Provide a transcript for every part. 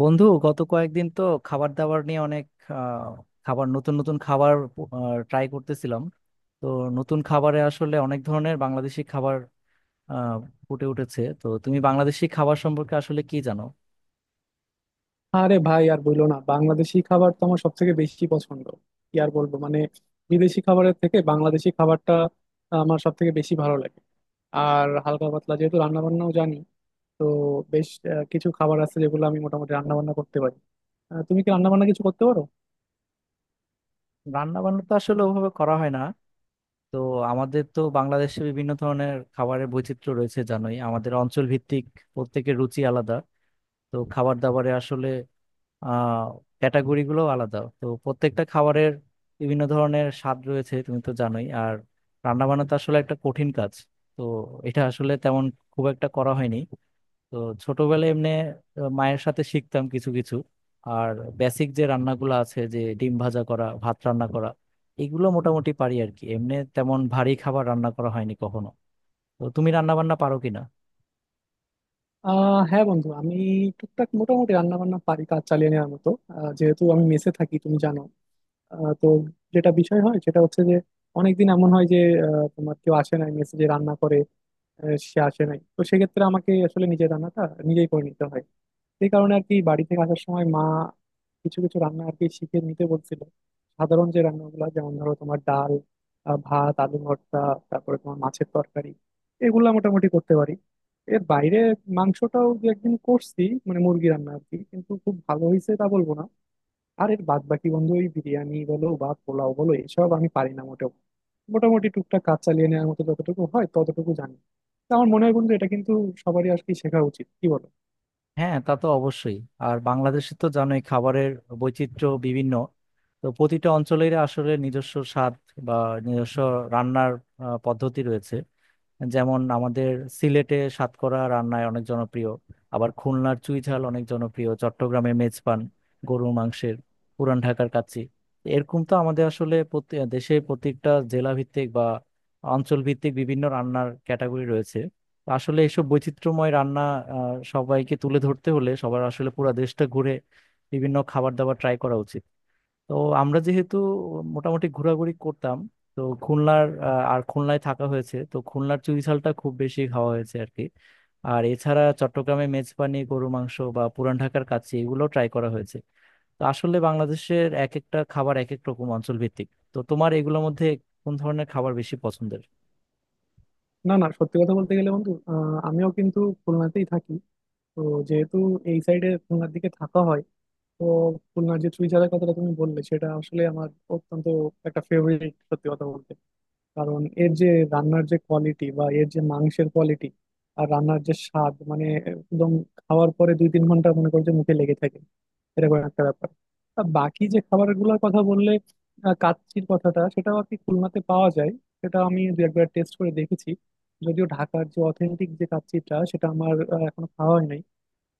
বন্ধু, গত কয়েকদিন তো খাবার দাবার নিয়ে অনেক আহ, খাবার, নতুন নতুন খাবার ট্রাই করতেছিলাম। তো নতুন খাবারে আসলে অনেক ধরনের বাংলাদেশি খাবার আহ, ফুটে উঠেছে। তো তুমি বাংলাদেশি খাবার সম্পর্কে আসলে কি জানো? আরে ভাই আর বইলো না, বাংলাদেশি খাবার তো আমার সব থেকে বেশি পছন্দ। কি আর বলবো, মানে বিদেশি খাবারের থেকে বাংলাদেশি খাবারটা আমার সব থেকে বেশি ভালো লাগে। আর হালকা পাতলা যেহেতু রান্না বান্নাও জানি, তো বেশ কিছু খাবার আছে যেগুলো আমি মোটামুটি রান্না বান্না করতে পারি। তুমি কি রান্না বান্না কিছু করতে পারো? রান্না বান্না তো আসলে ওভাবে করা হয় না। তো আমাদের তো বাংলাদেশে বিভিন্ন ধরনের খাবারের বৈচিত্র্য রয়েছে, জানোই, আমাদের অঞ্চল ভিত্তিক প্রত্যেকের রুচি আলাদা। তো খাবার দাবারে আসলে আহ ক্যাটাগরি গুলো আলাদা, তো প্রত্যেকটা খাবারের বিভিন্ন ধরনের স্বাদ রয়েছে, তুমি তো জানোই। আর রান্না বান্না তো আসলে একটা কঠিন কাজ, তো এটা আসলে তেমন খুব একটা করা হয়নি। তো ছোটবেলায় এমনি মায়ের সাথে শিখতাম কিছু কিছু। আর বেসিক যে রান্নাগুলো আছে, যে ডিম ভাজা করা, ভাত রান্না করা, এগুলো মোটামুটি পারি আর কি। এমনি তেমন ভারী খাবার রান্না করা হয়নি কখনো। তো তুমি রান্না বান্না পারো কিনা? হ্যাঁ বন্ধু, আমি টুকটাক মোটামুটি রান্না বান্না পারি, কাজ চালিয়ে নেওয়ার মতো। যেহেতু আমি মেসে থাকি তুমি জানো। তো যেটা বিষয় হয় সেটা হচ্ছে যে অনেকদিন এমন হয় যে তোমার কেউ আসে না মেসে, যে রান্না করে। সে আসে নাই, তো সেক্ষেত্রে আমাকে আসলে নিজের রান্নাটা নিজেই করে নিতে হয়। এই কারণে আর কি বাড়ি থেকে আসার সময় মা কিছু কিছু রান্না আর কি শিখে নিতে বলছিল। সাধারণ যে রান্নাগুলো, যেমন ধরো তোমার ডাল, ভাত, আলু ভর্তা, তারপরে তোমার মাছের তরকারি, এগুলা মোটামুটি করতে পারি। এর বাইরে মাংসটাও দু একদিন করছি, মানে মুরগি রান্না আর কি, কিন্তু খুব ভালো হয়েছে তা বলবো না। আর এর বাদ বাকি বন্ধু, ওই বিরিয়ানি বলো বা পোলাও বলো, এসব আমি পারি না মোটেও। মোটামুটি টুকটাক কাজ চালিয়ে নেওয়ার মতো যতটুকু হয় ততটুকু জানি। তো আমার মনে হয় বন্ধু, এটা কিন্তু সবারই আজকে শেখা উচিত, কি বলো? হ্যাঁ, তা তো অবশ্যই। আর বাংলাদেশে তো জানোই খাবারের বৈচিত্র্য বিভিন্ন। তো প্রতিটা অঞ্চলের আসলে নিজস্ব স্বাদ বা নিজস্ব রান্নার পদ্ধতি রয়েছে। যেমন আমাদের সিলেটে সাতকরা রান্নায় অনেক জনপ্রিয়, আবার খুলনার চুই ঝাল অনেক জনপ্রিয়, চট্টগ্রামে মেজপান গরুর মাংসের, পুরান ঢাকার কাচ্চি। এরকম তো আমাদের আসলে দেশের প্রত্যেকটা জেলা ভিত্তিক বা অঞ্চল ভিত্তিক বিভিন্ন রান্নার ক্যাটাগরি রয়েছে। আসলে এসব বৈচিত্র্যময় রান্না সবাইকে তুলে ধরতে হলে সবার আসলে পুরো দেশটা ঘুরে বিভিন্ন খাবার দাবার ট্রাই করা উচিত। তো আমরা যেহেতু মোটামুটি ঘোরাঘুরি করতাম, তো আর খুলনায় থাকা হয়েছে, তো খুলনার চুইঝালটা খুব বেশি খাওয়া হয়েছে আর কি। আর এছাড়া চট্টগ্রামে মেজবানি গরু মাংস বা পুরান ঢাকার কাচ্চি, এগুলো ট্রাই করা হয়েছে। তো আসলে বাংলাদেশের এক একটা খাবার এক এক রকম, অঞ্চল ভিত্তিক। তো তোমার এগুলোর মধ্যে কোন ধরনের খাবার বেশি পছন্দের? না না, সত্যি কথা বলতে গেলে বন্ধু, আমিও কিন্তু খুলনাতেই থাকি। তো যেহেতু এই সাইডে খুলনার দিকে থাকা হয়, তো খুলনার যে চুইঝালের কথাটা তুমি বললে সেটা আসলে আমার অত্যন্ত একটা ফেভারিট, সত্যি কথা বলতে। কারণ এর যে রান্নার যে কোয়ালিটি বা এর যে মাংসের কোয়ালিটি, আর রান্নার যে স্বাদ, মানে একদম খাওয়ার পরে দুই তিন ঘন্টা মনে করো যে মুখে লেগে থাকে, এরকম একটা ব্যাপার। আর বাকি যে খাবারগুলোর কথা বললে, কাচ্চির কথাটা, সেটাও আর কি খুলনাতে পাওয়া যায়। সেটা আমি দু একবার টেস্ট করে দেখেছি। যদিও ঢাকার যে অথেন্টিক যে কাচ্চিটা, সেটা আমার এখনো খাওয়া হয়নি।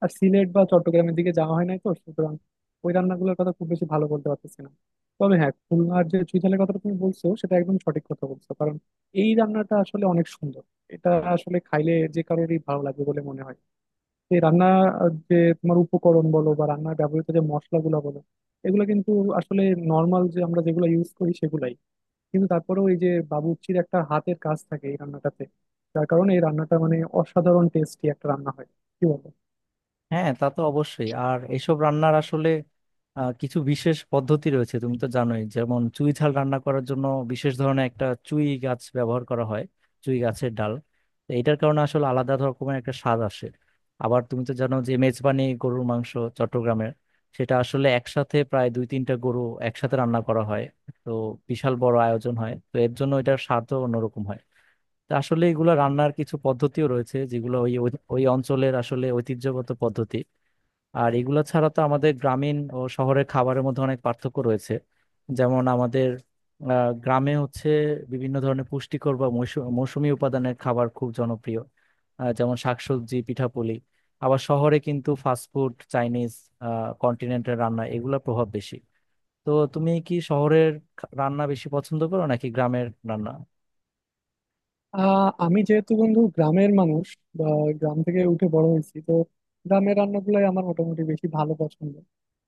আর সিলেট বা চট্টগ্রামের দিকে যাওয়া হয় নাই, তো সুতরাং ওই রান্নাগুলোর কথা খুব বেশি ভালো বলতে পারতেছি না। তবে হ্যাঁ, খুলনার যে চুইঝালের কথাটা তুমি বলছো সেটা একদম সঠিক কথা বলছো, কারণ এই রান্নাটা আসলে অনেক সুন্দর। এটা আসলে খাইলে যে কারোরই ভালো লাগবে বলে মনে হয়। এই রান্না, যে তোমার উপকরণ বলো বা রান্নার ব্যবহৃত যে মশলাগুলো বলো, এগুলো কিন্তু আসলে নর্মাল যে আমরা যেগুলো ইউজ করি সেগুলাই। কিন্তু তারপরেও এই যে বাবুর্চির একটা হাতের কাজ থাকে এই রান্নাটাতে, যার কারণে এই রান্নাটা মানে অসাধারণ টেস্টি একটা রান্না হয়। কি বলো? হ্যাঁ, তা তো অবশ্যই। আর এসব রান্নার আসলে কিছু বিশেষ পদ্ধতি রয়েছে, তুমি তো জানোই। যেমন চুই ঝাল রান্না করার জন্য বিশেষ ধরনের একটা চুই গাছ ব্যবহার করা হয়, চুই গাছের ডাল। তো এটার কারণে আসলে আলাদা রকমের একটা স্বাদ আসে। আবার তুমি তো জানো যে মেজবানি গরুর মাংস চট্টগ্রামের, সেটা আসলে একসাথে প্রায় দুই তিনটা গরু একসাথে রান্না করা হয়। তো বিশাল বড় আয়োজন হয় তো এর জন্য, এটার স্বাদও অন্যরকম হয়। তো আসলে এগুলো রান্নার কিছু পদ্ধতিও রয়েছে যেগুলো ওই ওই ওই অঞ্চলের আসলে ঐতিহ্যগত পদ্ধতি। আর এগুলো ছাড়া তো আমাদের গ্রামীণ ও শহরের খাবারের মধ্যে অনেক পার্থক্য রয়েছে। যেমন আমাদের গ্রামে হচ্ছে বিভিন্ন ধরনের পুষ্টিকর বা মৌসুমী উপাদানের খাবার খুব জনপ্রিয়, যেমন শাকসবজি, পিঠাপুলি। আবার শহরে কিন্তু ফাস্টফুড, চাইনিজ, কন্টিনেন্টাল রান্না, এগুলোর প্রভাব বেশি। তো তুমি কি শহরের রান্না বেশি পছন্দ করো নাকি গ্রামের রান্না? আমি যেহেতু বন্ধু গ্রামের মানুষ বা গ্রাম থেকে উঠে বড় হয়েছি, তো গ্রামের রান্নাগুলাই আমার মোটামুটি বেশি ভালো পছন্দ।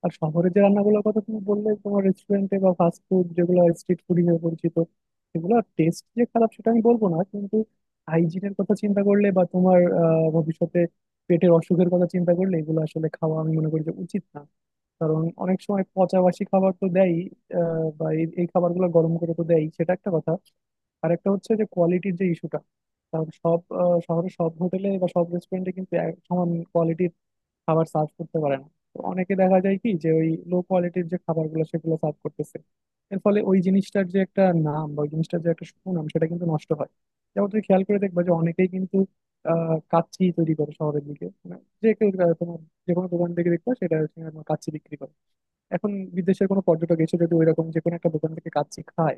আর শহরের যে রান্নাগুলোর কথা তুমি বললে, তোমার রেস্টুরেন্টে বা ফাস্ট ফুড যেগুলো স্ট্রিট ফুড হিসেবে পরিচিত, সেগুলো টেস্ট যে খারাপ সেটা আমি বলবো না, কিন্তু হাইজিনের কথা চিন্তা করলে বা তোমার ভবিষ্যতে পেটের অসুখের কথা চিন্তা করলে, এগুলো আসলে খাওয়া আমি মনে করি যে উচিত না। কারণ অনেক সময় পচাবাসি খাবার তো দেয়, বা এই এই খাবারগুলো গরম করে তো দেয়, সেটা একটা কথা। আরেকটা হচ্ছে যে কোয়ালিটির যে ইস্যুটা, কারণ সব শহরের সব হোটেলে বা সব রেস্টুরেন্টে কিন্তু এক সমান কোয়ালিটির খাবার সার্ভ করতে পারে না। তো অনেকে দেখা যায় কি, যে ওই লো কোয়ালিটির যে খাবারগুলো সেগুলো সার্ভ করতেছে। এর ফলে ওই জিনিসটার যে একটা নাম বা ওই জিনিসটার যে একটা সুনাম, সেটা কিন্তু নষ্ট হয়। যেমন তুমি খেয়াল করে দেখবা যে অনেকেই কিন্তু কাচ্চি তৈরি করে শহরের দিকে, মানে যে কেউ তোমার যে কোনো দোকান থেকে দেখবা সেটা হচ্ছে তোমার কাচ্চি বিক্রি করে। এখন বিদেশের কোনো পর্যটক এসে যদি ওইরকম যে কোনো একটা দোকান থেকে কাচ্চি খায়,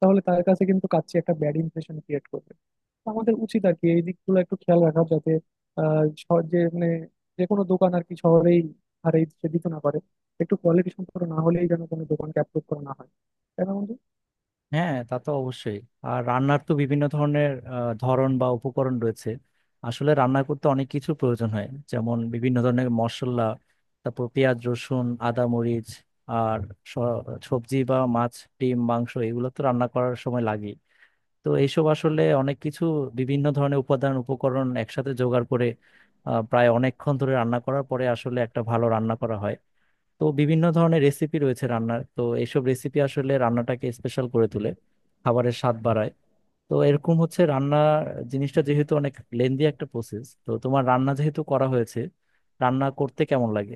তাহলে তার কাছে কিন্তু কাচ্চি একটা ব্যাড ইমপ্রেশন ক্রিয়েট করবে। তো আমাদের উচিত আর কি এই দিকগুলো একটু খেয়াল রাখা, যাতে আহ শহর- যে মানে যে কোনো দোকান আর কি শহরেই আর এই সে দিতে না পারে, একটু কোয়ালিটি সম্পর্ক না হলেই যেন কোনো দোকানকে অ্যাপ্রুভ করা না হয়। তাই না বন্ধু? হ্যাঁ, তা তো অবশ্যই। আর রান্নার তো বিভিন্ন ধরনের ধরন বা উপকরণ রয়েছে। আসলে রান্না করতে অনেক কিছু প্রয়োজন হয়, যেমন বিভিন্ন ধরনের মশলা, তারপর পেঁয়াজ, রসুন, আদা, মরিচ, আর স- সবজি বা মাছ, ডিম, মাংস, এগুলো তো রান্না করার সময় লাগে। তো এইসব আসলে অনেক কিছু, বিভিন্ন ধরনের উপাদান উপকরণ একসাথে জোগাড় করে প্রায় অনেকক্ষণ ধরে রান্না করার পরে আসলে একটা ভালো রান্না করা হয়। তো বিভিন্ন ধরনের রেসিপি রয়েছে রান্নার, তো এইসব রেসিপি আসলে রান্নাটাকে স্পেশাল করে তোলে, খাবারের স্বাদ বাড়ায়। তো এরকম হচ্ছে রান্না জিনিসটা, যেহেতু অনেক লেন্দি একটা প্রসেস, তো তোমার রান্না যেহেতু করা হয়েছে, রান্না করতে কেমন লাগে?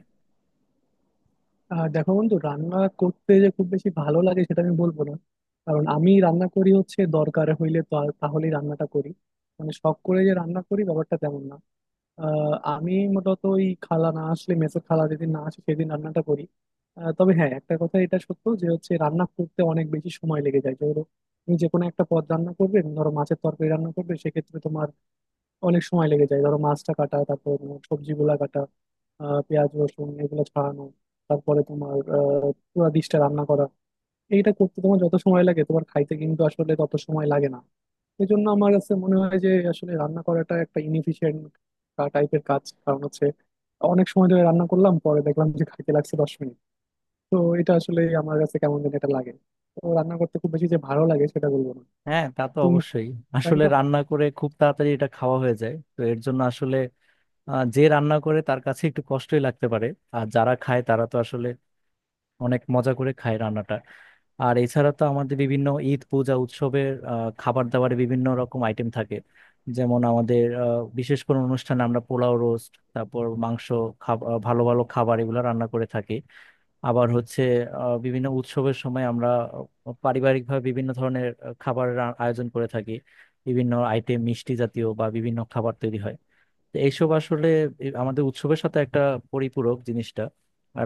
আর দেখো বন্ধু, রান্না করতে যে খুব বেশি ভালো লাগে সেটা আমি বলবো না। কারণ আমি রান্না করি হচ্ছে দরকার হইলে, তাহলেই রান্নাটা করি। মানে শখ করে যে রান্না করি ব্যাপারটা তেমন না। আমি মূলত ওই খালা না আসলে মেসের খালা যেদিন না আসে, সেদিন রান্নাটা করি। তবে হ্যাঁ, একটা কথা এটা সত্য যে হচ্ছে রান্না করতে অনেক বেশি সময় লেগে যায়। ধরো তুমি যে কোনো একটা পদ রান্না করবে, ধরো মাছের তরকারি রান্না করবে, সেক্ষেত্রে তোমার অনেক সময় লেগে যায়। ধরো মাছটা কাটা, তারপর সবজিগুলা কাটা, পেঁয়াজ রসুন এগুলো ছাড়ানো, তারপরে তোমার পুরো ডিশটা রান্না করা। এইটা করতে তোমার যত সময় লাগে তোমার খাইতে কিন্তু আসলে তত সময় লাগে না। এই জন্য আমার কাছে মনে হয় যে আসলে রান্না করাটা একটা ইনএফিশিয়েন্ট টাইপের কাজ, কারণ হচ্ছে অনেক সময় ধরে রান্না করলাম, পরে দেখলাম যে খাইতে লাগছে দশ মিনিট। তো এটা আসলে আমার কাছে কেমন যেন এটা লাগে। তো রান্না করতে খুব বেশি যে ভালো লাগে সেটা বলবো না। হ্যাঁ, তা তো তুমি। অবশ্যই। তাই আসলে না? রান্না করে খুব তাড়াতাড়ি এটা খাওয়া হয়ে যায়, তো এর জন্য আসলে যে রান্না করে তার কাছে একটু কষ্টই লাগতে পারে। আর যারা খায় তারা তো আসলে অনেক মজা করে খায় রান্নাটা। আর এছাড়া তো আমাদের বিভিন্ন ঈদ, পূজা, উৎসবের খাবার দাবারে বিভিন্ন রকম আইটেম থাকে। যেমন আমাদের বিশেষ কোনো অনুষ্ঠানে আমরা পোলাও, রোস্ট, তারপর মাংস, ভালো ভালো খাবার, এগুলো রান্না করে থাকি। আবার হচ্ছে বিভিন্ন উৎসবের সময় আমরা পারিবারিকভাবে বিভিন্ন ধরনের খাবারের আয়োজন করে থাকি, বিভিন্ন আইটেম, মিষ্টি জাতীয় বা বিভিন্ন খাবার তৈরি হয়। তো এইসব আসলে আমাদের উৎসবের সাথে একটা পরিপূরক জিনিসটা,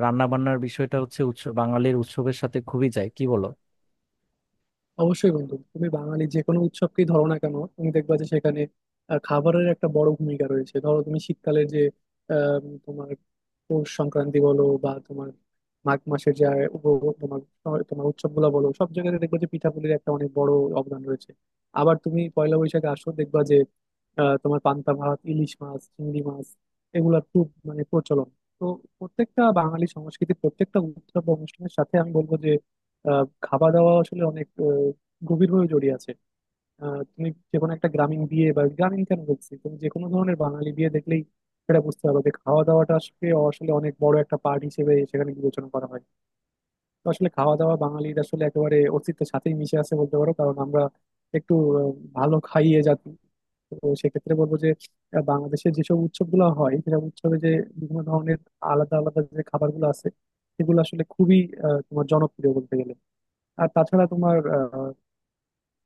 রান্না বান্নার বিষয়টা হচ্ছে, উৎসব, বাঙালির উৎসবের সাথে খুবই যায়, কি বলো? অবশ্যই বন্ধু, তুমি বাঙালি যে কোনো উৎসবকেই ধরো না কেন, তুমি দেখবা যে সেখানে খাবারের একটা বড় ভূমিকা রয়েছে। ধরো তুমি শীতকালের যে তোমার পৌষ সংক্রান্তি বলো, বা তোমার মাঘ মাসের যে তোমার তোমার উৎসবগুলো বলো, সব জায়গাতে দেখবা যে পিঠাপুলির একটা অনেক বড় অবদান রয়েছে। আবার তুমি পয়লা বৈশাখে আসো, দেখবা যে তোমার পান্তা ভাত, ইলিশ মাছ, চিংড়ি মাছ, এগুলা খুব মানে প্রচলন। তো প্রত্যেকটা বাঙালি সংস্কৃতির প্রত্যেকটা উৎসব বা অনুষ্ঠানের সাথে আমি বলবো যে খাওয়া দাওয়া আসলে অনেক গভীরভাবে জড়িয়ে আছে। তুমি যে কোনো একটা গ্রামীণ বিয়ে, বা গ্রামীণ কেন বলছি, তুমি যে কোনো ধরনের বাঙালি বিয়ে দেখলেই সেটা বুঝতে পারবে যে খাওয়া দাওয়াটা আসলে আসলে অনেক বড় একটা পার্ট হিসেবে সেখানে বিবেচনা করা হয়। তো আসলে খাওয়া দাওয়া বাঙালির আসলে একেবারে অস্তিত্বের সাথেই মিশে আছে বলতে পারো, কারণ আমরা একটু আহ, ভালো খাইয়ে জাতি। তো সেক্ষেত্রে বলবো যে বাংলাদেশে যেসব উৎসবগুলো হয়, সেসব উৎসবে যে বিভিন্ন ধরনের আলাদা আলাদা যে খাবারগুলো আছে, সেগুলো আসলে খুবই তোমার জনপ্রিয় বলতে গেলে। আর তাছাড়া তোমার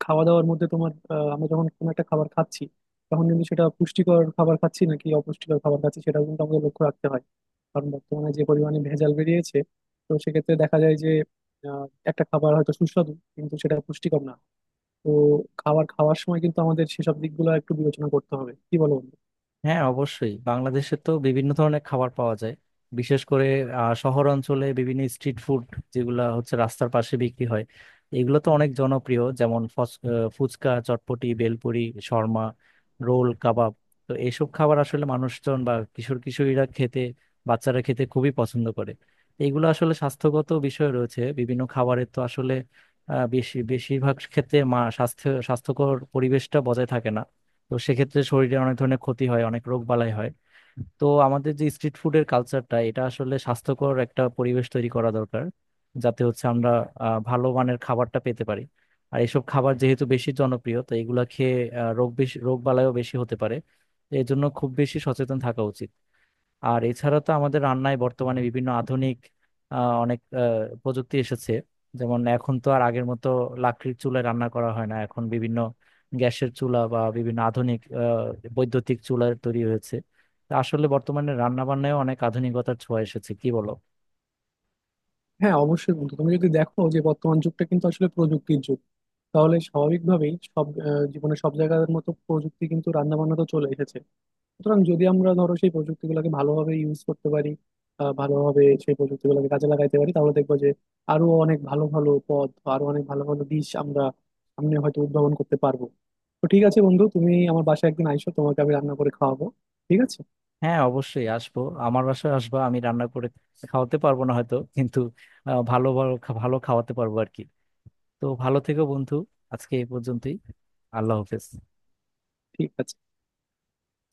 খাওয়া দাওয়ার মধ্যে তোমার, আমরা যখন কোনো একটা খাবার খাচ্ছি, তখন কিন্তু সেটা পুষ্টিকর খাবার খাচ্ছি নাকি অপুষ্টিকর খাবার খাচ্ছি সেটাও কিন্তু আমাদের লক্ষ্য রাখতে হয়। কারণ বর্তমানে যে পরিমাণে ভেজাল বেরিয়েছে, তো সেক্ষেত্রে দেখা যায় যে আহ, একটা খাবার হয়তো সুস্বাদু কিন্তু সেটা পুষ্টিকর না। তো খাবার খাওয়ার সময় কিন্তু আমাদের সেসব দিকগুলো একটু বিবেচনা করতে হবে, কি বলো বন্ধু? হ্যাঁ, অবশ্যই। বাংলাদেশে তো বিভিন্ন ধরনের খাবার পাওয়া যায়, বিশেষ করে শহর অঞ্চলে বিভিন্ন স্ট্রিট ফুড, যেগুলো হচ্ছে রাস্তার পাশে বিক্রি হয়, এগুলো তো অনেক জনপ্রিয়। যেমন ফুচকা, চটপটি, বেলপুরি, শর্মা, রোল, কাবাব। তো এইসব খাবার আসলে মানুষজন বা কিশোর কিশোরীরা খেতে, বাচ্চারা খেতে খুবই পছন্দ করে। এগুলো আসলে স্বাস্থ্যগত বিষয় রয়েছে বিভিন্ন খাবারের, তো আসলে বেশিরভাগ ক্ষেত্রে মা স্বাস্থ্য স্বাস্থ্যকর পরিবেশটা বজায় থাকে না। তো সেক্ষেত্রে শরীরে অনেক ধরনের ক্ষতি হয়, অনেক রোগ বালাই হয়। তো আমাদের যে স্ট্রিট ফুডের কালচারটা, এটা আসলে স্বাস্থ্যকর একটা পরিবেশ তৈরি করা দরকার, যাতে হচ্ছে আমরা ভালো মানের খাবারটা পেতে পারি। আর এইসব খাবার যেহেতু বেশি জনপ্রিয়, তো এগুলা খেয়ে রোগ বালাইও বেশি হতে পারে। তো এই জন্য খুব বেশি সচেতন থাকা উচিত। আর এছাড়া তো আমাদের রান্নায় বর্তমানে বিভিন্ন আধুনিক আহ, অনেক আহ, প্রযুক্তি এসেছে। যেমন এখন তো আর আগের মতো লাকড়ির চুলায় রান্না করা হয় না, এখন বিভিন্ন গ্যাসের চুলা বা বিভিন্ন আধুনিক বৈদ্যুতিক চুলা তৈরি হয়েছে। তা আসলে বর্তমানে রান্না বান্নায় অনেক আধুনিকতার ছোঁয়া এসেছে, কি বলো? হ্যাঁ অবশ্যই বন্ধু, তুমি যদি দেখো যে বর্তমান যুগটা কিন্তু আসলে প্রযুক্তির যুগ, তাহলে স্বাভাবিকভাবেই সব জীবনে সব জায়গার মতো প্রযুক্তি কিন্তু রান্না বান্নাতেও চলে এসেছে। সুতরাং যদি আমরা ধরো সেই প্রযুক্তিগুলোকে ভালোভাবে ইউজ করতে পারি, ভালোভাবে সেই প্রযুক্তিগুলোকে কাজে লাগাইতে পারি, তাহলে দেখবো যে আরো অনেক ভালো ভালো পথ বা আরো অনেক ভালো ভালো দিশ আমরা সামনে হয়তো উদ্ভাবন করতে পারবো। তো ঠিক আছে বন্ধু, তুমি আমার বাসায় একদিন আইসো, তোমাকে আমি রান্না করে খাওয়াবো। ঠিক আছে? হ্যাঁ, অবশ্যই আসবো। আমার বাসায় আসবা, আমি রান্না করে খাওয়াতে পারবো না হয়তো, কিন্তু ভালো ভালো ভালো খাওয়াতে পারবো আর কি। তো ভালো থেকো, বন্ধু। আজকে এই পর্যন্তই। আল্লাহ হাফেজ। ঠিক আছে।